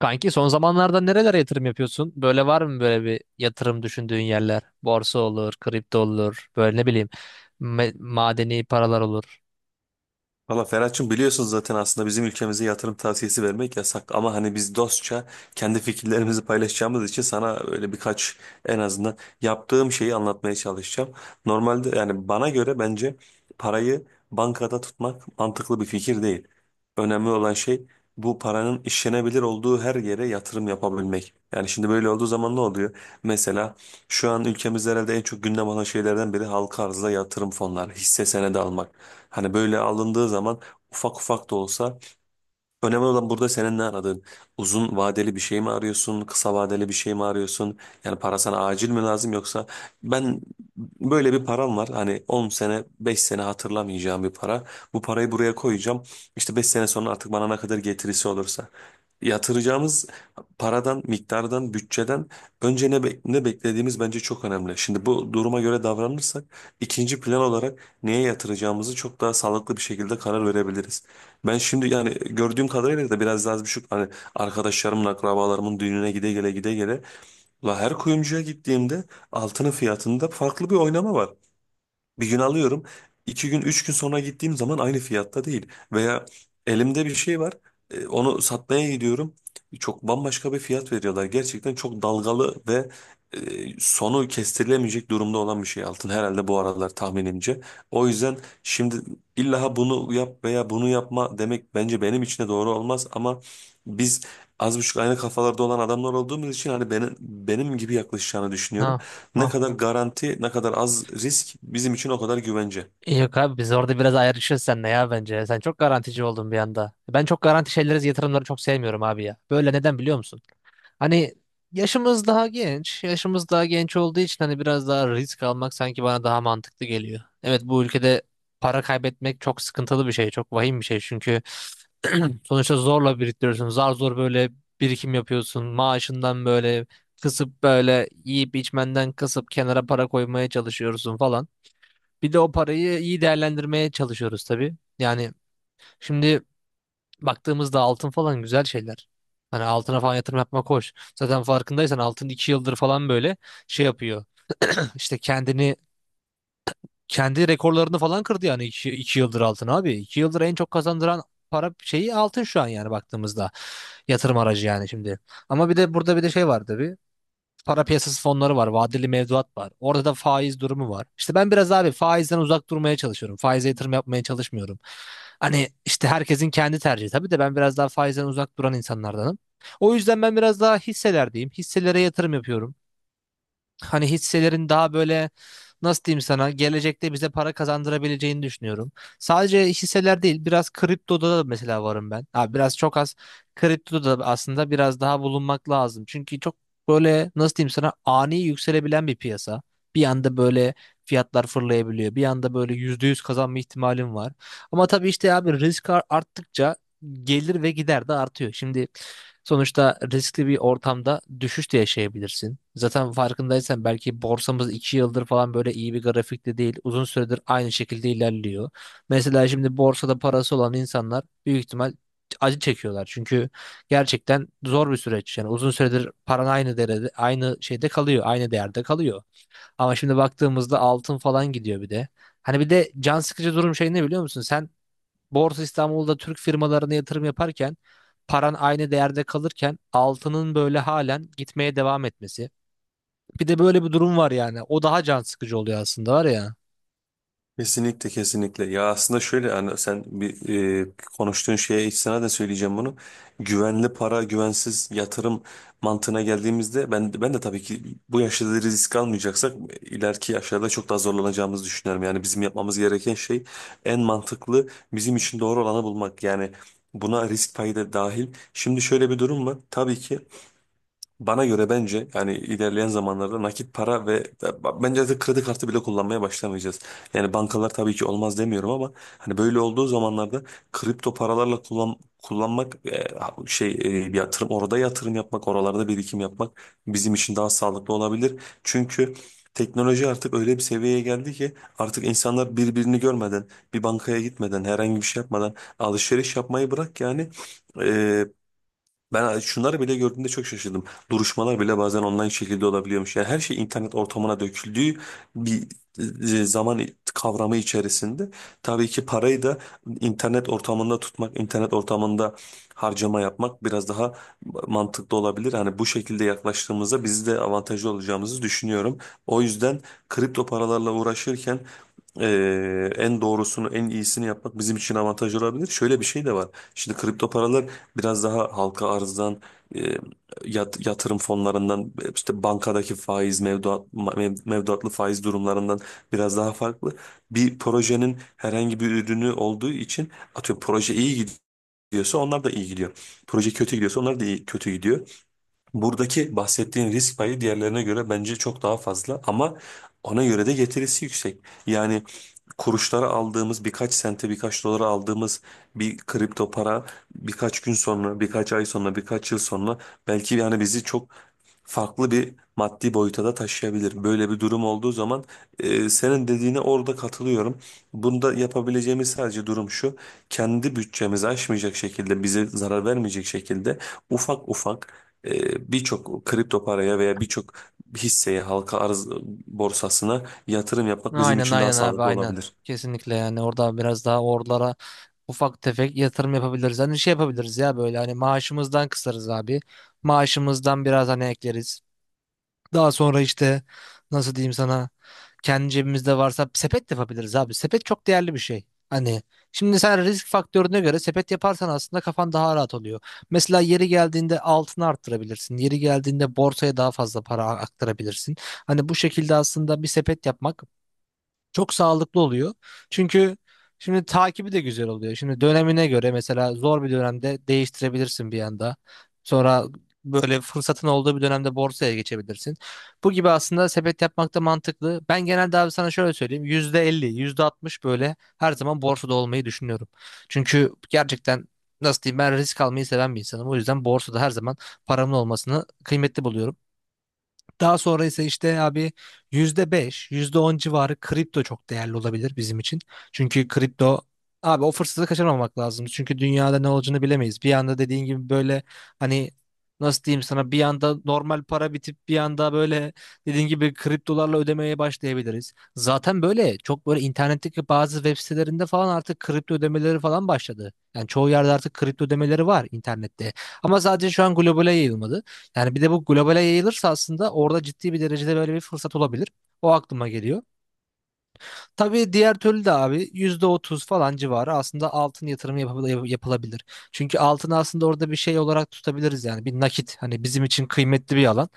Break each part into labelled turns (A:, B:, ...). A: Kanki son zamanlarda nerelere yatırım yapıyorsun? Böyle var mı böyle bir yatırım düşündüğün yerler? Borsa olur, kripto olur, böyle ne bileyim madeni paralar olur.
B: Valla Ferhat'cığım, biliyorsunuz zaten aslında bizim ülkemize yatırım tavsiyesi vermek yasak, ama hani biz dostça kendi fikirlerimizi paylaşacağımız için sana öyle birkaç en azından yaptığım şeyi anlatmaya çalışacağım. Normalde yani bana göre bence parayı bankada tutmak mantıklı bir fikir değil. Önemli olan şey, bu paranın işlenebilir olduğu her yere yatırım yapabilmek. Yani şimdi böyle olduğu zaman ne oluyor? Mesela şu an ülkemizde herhalde en çok gündem olan şeylerden biri halka arzda yatırım fonları, hisse senedi almak. Hani böyle alındığı zaman ufak ufak da olsa. Önemli olan burada senin ne aradığın. Uzun vadeli bir şey mi arıyorsun? Kısa vadeli bir şey mi arıyorsun? Yani para sana acil mi lazım, yoksa ben böyle bir param var. Hani 10 sene, 5 sene hatırlamayacağım bir para. Bu parayı buraya koyacağım. İşte 5 sene sonra artık bana ne kadar getirisi olursa. Yatıracağımız paradan, miktardan, bütçeden önce ne beklediğimiz bence çok önemli. Şimdi bu duruma göre davranırsak ikinci plan olarak neye yatıracağımızı çok daha sağlıklı bir şekilde karar verebiliriz. Ben şimdi yani gördüğüm kadarıyla da biraz az buçuk hani arkadaşlarımın, akrabalarımın düğününe gide gele gide gele. La, her kuyumcuya gittiğimde altının fiyatında farklı bir oynama var. Bir gün alıyorum. İki gün, üç gün sonra gittiğim zaman aynı fiyatta değil. Veya elimde bir şey var. Onu satmaya gidiyorum. Çok bambaşka bir fiyat veriyorlar. Gerçekten çok dalgalı ve sonu kestirilemeyecek durumda olan bir şey altın. Herhalde bu aralar tahminimce. O yüzden şimdi illa bunu yap veya bunu yapma demek bence benim için de doğru olmaz. Ama biz az buçuk aynı kafalarda olan adamlar olduğumuz için hani benim gibi yaklaşacağını düşünüyorum.
A: Ha,
B: Ne
A: ha.
B: kadar garanti, ne kadar az risk, bizim için o kadar güvence.
A: Yok abi biz orada biraz ayrışırız seninle ya bence. Sen çok garantici oldun bir anda. Ben çok garanti şeyleri, yatırımları çok sevmiyorum abi ya. Böyle neden biliyor musun? Hani yaşımız daha genç. Yaşımız daha genç olduğu için hani biraz daha risk almak sanki bana daha mantıklı geliyor. Evet bu ülkede para kaybetmek çok sıkıntılı bir şey. Çok vahim bir şey çünkü sonuçta zorla biriktiriyorsun. Zar zor böyle birikim yapıyorsun. Maaşından böyle kısıp böyle yiyip içmenden kısıp kenara para koymaya çalışıyorsun falan. Bir de o parayı iyi değerlendirmeye çalışıyoruz tabii. Yani şimdi baktığımızda altın falan güzel şeyler. Hani altına falan yatırım yapmak hoş. Zaten farkındaysan altın 2 yıldır falan böyle şey yapıyor. İşte kendi rekorlarını falan kırdı yani iki yıldır altın abi. İki yıldır en çok kazandıran para şeyi altın şu an yani baktığımızda. Yatırım aracı yani şimdi. Ama bir de burada bir de şey var tabii. Para piyasası fonları var, vadeli mevduat var. Orada da faiz durumu var. İşte ben biraz abi faizden uzak durmaya çalışıyorum. Faize yatırım yapmaya çalışmıyorum. Hani işte herkesin kendi tercihi tabii de ben biraz daha faizden uzak duran insanlardanım. O yüzden ben biraz daha hisselerdeyim. Hisselere yatırım yapıyorum. Hani hisselerin daha böyle nasıl diyeyim sana gelecekte bize para kazandırabileceğini düşünüyorum. Sadece hisseler değil biraz kriptoda da mesela varım ben. Ha, biraz çok az kriptoda da aslında biraz daha bulunmak lazım. Çünkü çok böyle nasıl diyeyim sana ani yükselebilen bir piyasa. Bir anda böyle fiyatlar fırlayabiliyor. Bir anda böyle %100 kazanma ihtimalim var. Ama tabii işte abi risk arttıkça gelir ve gider de artıyor. Şimdi sonuçta riskli bir ortamda düşüş de yaşayabilirsin. Zaten farkındaysan belki borsamız 2 yıldır falan böyle iyi bir grafikte değil. Uzun süredir aynı şekilde ilerliyor. Mesela şimdi borsada parası olan insanlar büyük ihtimal acı çekiyorlar. Çünkü gerçekten zor bir süreç. Yani uzun süredir paran aynı derede, aynı şeyde kalıyor, aynı değerde kalıyor. Ama şimdi baktığımızda altın falan gidiyor bir de. Hani bir de can sıkıcı durum şey ne biliyor musun? Sen Borsa İstanbul'da Türk firmalarına yatırım yaparken paran aynı değerde kalırken altının böyle halen gitmeye devam etmesi. Bir de böyle bir durum var yani. O daha can sıkıcı oluyor aslında var ya.
B: Kesinlikle, kesinlikle. Ya aslında şöyle, yani sen bir e, konuştuğun şeye hiç sana da söyleyeceğim bunu. Güvenli para, güvensiz yatırım mantığına geldiğimizde ben de tabii ki bu yaşta da risk almayacaksak ileriki yaşlarda çok daha zorlanacağımızı düşünüyorum. Yani bizim yapmamız gereken şey en mantıklı, bizim için doğru olanı bulmak. Yani buna risk payı da dahil. Şimdi şöyle bir durum var. Tabii ki bana göre bence yani ilerleyen zamanlarda nakit para ve bence de kredi kartı bile kullanmaya başlamayacağız. Yani bankalar tabii ki olmaz demiyorum, ama hani böyle olduğu zamanlarda kripto paralarla kullanmak şey bir yatırım, orada yatırım yapmak, oralarda birikim yapmak bizim için daha sağlıklı olabilir. Çünkü teknoloji artık öyle bir seviyeye geldi ki artık insanlar birbirini görmeden, bir bankaya gitmeden, herhangi bir şey yapmadan alışveriş yapmayı bırak yani, e, ben şunları bile gördüğümde çok şaşırdım. Duruşmalar bile bazen online şekilde olabiliyormuş. Yani her şey internet ortamına döküldüğü bir zaman kavramı içerisinde. Tabii ki parayı da internet ortamında tutmak, internet ortamında harcama yapmak biraz daha mantıklı olabilir. Hani bu şekilde yaklaştığımızda biz de avantajlı olacağımızı düşünüyorum. O yüzden kripto paralarla uğraşırken en doğrusunu, en iyisini yapmak bizim için avantaj olabilir. Şöyle bir şey de var. Şimdi kripto paralar biraz daha halka arzdan, e, yatırım fonlarından, işte bankadaki faiz, mevduat, mevduatlı faiz durumlarından biraz daha farklı. Bir projenin herhangi bir ürünü olduğu için, atıyorum, proje iyi gidiyorsa onlar da iyi gidiyor. Proje kötü gidiyorsa onlar da iyi, kötü gidiyor. Buradaki bahsettiğin risk payı diğerlerine göre bence çok daha fazla, ama ona göre de getirisi yüksek. Yani kuruşlara aldığımız, birkaç sente, birkaç dolara aldığımız bir kripto para birkaç gün sonra, birkaç ay sonra, birkaç yıl sonra belki yani bizi çok farklı bir maddi boyuta da taşıyabilir. Böyle bir durum olduğu zaman, senin dediğine orada katılıyorum. Bunda yapabileceğimiz sadece durum şu: kendi bütçemizi aşmayacak şekilde, bize zarar vermeyecek şekilde ufak ufak birçok kripto paraya veya birçok hisseye, halka arz borsasına yatırım yapmak bizim
A: Aynen,
B: için daha
A: aynen abi,
B: sağlıklı
A: aynen.
B: olabilir.
A: Kesinlikle yani orada biraz daha oralara ufak tefek yatırım yapabiliriz. Hani şey yapabiliriz ya böyle hani maaşımızdan kısarız abi. Maaşımızdan biraz hani ekleriz. Daha sonra işte nasıl diyeyim sana kendi cebimizde varsa sepet de yapabiliriz abi. Sepet çok değerli bir şey. Hani şimdi sen risk faktörüne göre sepet yaparsan aslında kafan daha rahat oluyor. Mesela yeri geldiğinde altını arttırabilirsin. Yeri geldiğinde borsaya daha fazla para aktarabilirsin. Hani bu şekilde aslında bir sepet yapmak çok sağlıklı oluyor. Çünkü şimdi takibi de güzel oluyor. Şimdi dönemine göre mesela zor bir dönemde değiştirebilirsin bir anda. Sonra böyle fırsatın olduğu bir dönemde borsaya geçebilirsin. Bu gibi aslında sepet yapmak da mantıklı. Ben genelde abi sana şöyle söyleyeyim. %50, yüzde altmış böyle her zaman borsada olmayı düşünüyorum. Çünkü gerçekten nasıl diyeyim ben risk almayı seven bir insanım. O yüzden borsada her zaman paramın olmasını kıymetli buluyorum. Daha sonra ise işte abi %5, yüzde on civarı kripto çok değerli olabilir bizim için. Çünkü kripto abi o fırsatı kaçırmamak lazım. Çünkü dünyada ne olacağını bilemeyiz. Bir anda dediğin gibi böyle hani nasıl diyeyim sana bir anda normal para bitip bir anda böyle dediğin gibi kriptolarla ödemeye başlayabiliriz. Zaten böyle çok böyle internetteki bazı web sitelerinde falan artık kripto ödemeleri falan başladı. Yani çoğu yerde artık kripto ödemeleri var internette. Ama sadece şu an globale yayılmadı. Yani bir de bu globale yayılırsa aslında orada ciddi bir derecede böyle bir fırsat olabilir. O aklıma geliyor. Tabii diğer türlü de abi %30 falan civarı aslında altın yatırımı yapılabilir. Çünkü altını aslında orada bir şey olarak tutabiliriz yani bir nakit. Hani bizim için kıymetli bir alan.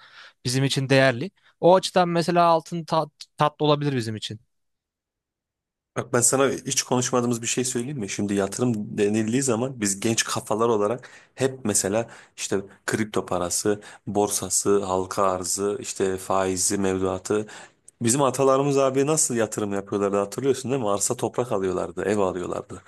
A: Bizim için değerli. O açıdan mesela altın tatlı olabilir bizim için.
B: Bak, ben sana hiç konuşmadığımız bir şey söyleyeyim mi? Şimdi yatırım denildiği zaman biz genç kafalar olarak hep mesela işte kripto parası, borsası, halka arzı, işte faizi, mevduatı. Bizim atalarımız abi nasıl yatırım yapıyorlardı, hatırlıyorsun değil mi? Arsa, toprak alıyorlardı, ev alıyorlardı,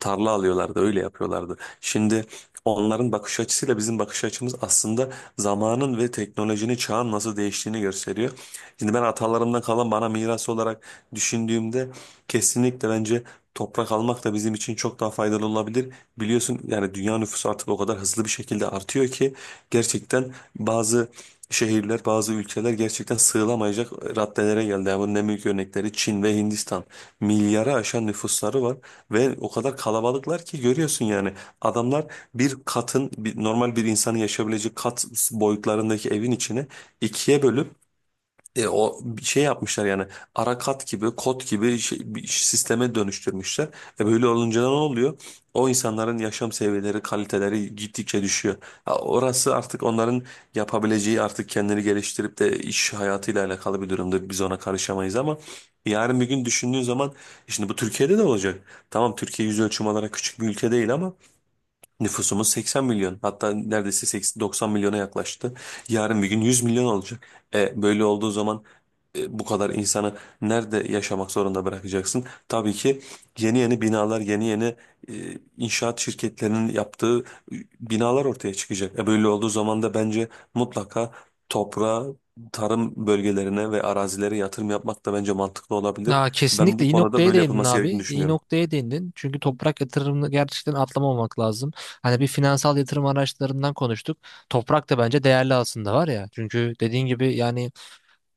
B: tarla alıyorlardı, öyle yapıyorlardı. Şimdi onların bakış açısıyla bizim bakış açımız aslında zamanın ve teknolojinin, çağın nasıl değiştiğini gösteriyor. Şimdi ben atalarımdan kalan bana miras olarak düşündüğümde, kesinlikle bence toprak almak da bizim için çok daha faydalı olabilir. Biliyorsun yani dünya nüfusu artık o kadar hızlı bir şekilde artıyor ki gerçekten bazı şehirler, bazı ülkeler gerçekten sığılamayacak raddelere geldi. Yani bunun en büyük örnekleri Çin ve Hindistan. Milyara aşan nüfusları var ve o kadar kalabalıklar ki görüyorsun yani, adamlar bir katın, normal bir insanın yaşayabileceği kat boyutlarındaki evin içine ikiye bölüp o bir şey yapmışlar yani, arakat gibi, kod gibi bir sisteme dönüştürmüşler. E, böyle olunca ne oluyor? O insanların yaşam seviyeleri, kaliteleri gittikçe düşüyor. Ha, orası artık onların yapabileceği, artık kendini geliştirip de iş hayatıyla alakalı bir durumda biz ona karışamayız, ama yarın bir gün düşündüğün zaman, "E, şimdi bu Türkiye'de de olacak. Tamam, Türkiye yüz ölçüm olarak küçük bir ülke değil, ama nüfusumuz 80 milyon, hatta neredeyse 80 90 milyona yaklaştı. Yarın bir gün 100 milyon olacak. E, böyle olduğu zaman bu kadar insanı nerede yaşamak zorunda bırakacaksın? Tabii ki yeni yeni binalar, yeni yeni inşaat şirketlerinin yaptığı binalar ortaya çıkacak. E, böyle olduğu zaman da bence mutlaka toprağa, tarım bölgelerine ve arazilere yatırım yapmak da bence mantıklı olabilir.
A: Aa,
B: Ben
A: kesinlikle
B: bu
A: iyi
B: konuda
A: noktaya
B: böyle
A: değindin
B: yapılması gerektiğini
A: abi. İyi
B: düşünüyorum.
A: noktaya değindin. Çünkü toprak yatırımını gerçekten atlamamak lazım. Hani bir finansal yatırım araçlarından konuştuk. Toprak da bence değerli aslında var ya. Çünkü dediğin gibi yani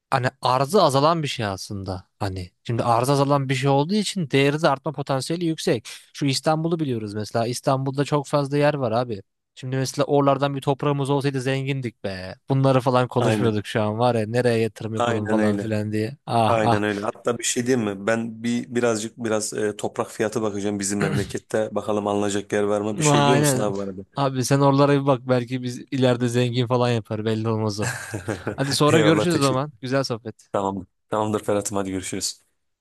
A: hani arzı azalan bir şey aslında. Hani şimdi arzı azalan bir şey olduğu için değeri de artma potansiyeli yüksek. Şu İstanbul'u biliyoruz mesela. İstanbul'da çok fazla yer var abi. Şimdi mesela oralardan bir toprağımız olsaydı zengindik be. Bunları falan
B: Aynen.
A: konuşmuyorduk şu an var ya. Nereye yatırım yapalım
B: Aynen
A: falan
B: öyle.
A: filan diye. Ah ah.
B: Aynen öyle. Hatta bir şey diyeyim mi? Ben bir birazcık, biraz toprak fiyatı bakacağım bizim memlekette. Bakalım alınacak yer var mı? Bir şey diyor musun
A: Aynen.
B: abi bana?
A: Abi sen oralara bir bak belki biz ileride zengin falan yapar belli olmaz o. Hadi sonra
B: Eyvallah,
A: görüşürüz o
B: teşekkür.
A: zaman. Güzel sohbet.
B: Tamamdır. Tamamdır Ferhat'ım, hadi görüşürüz.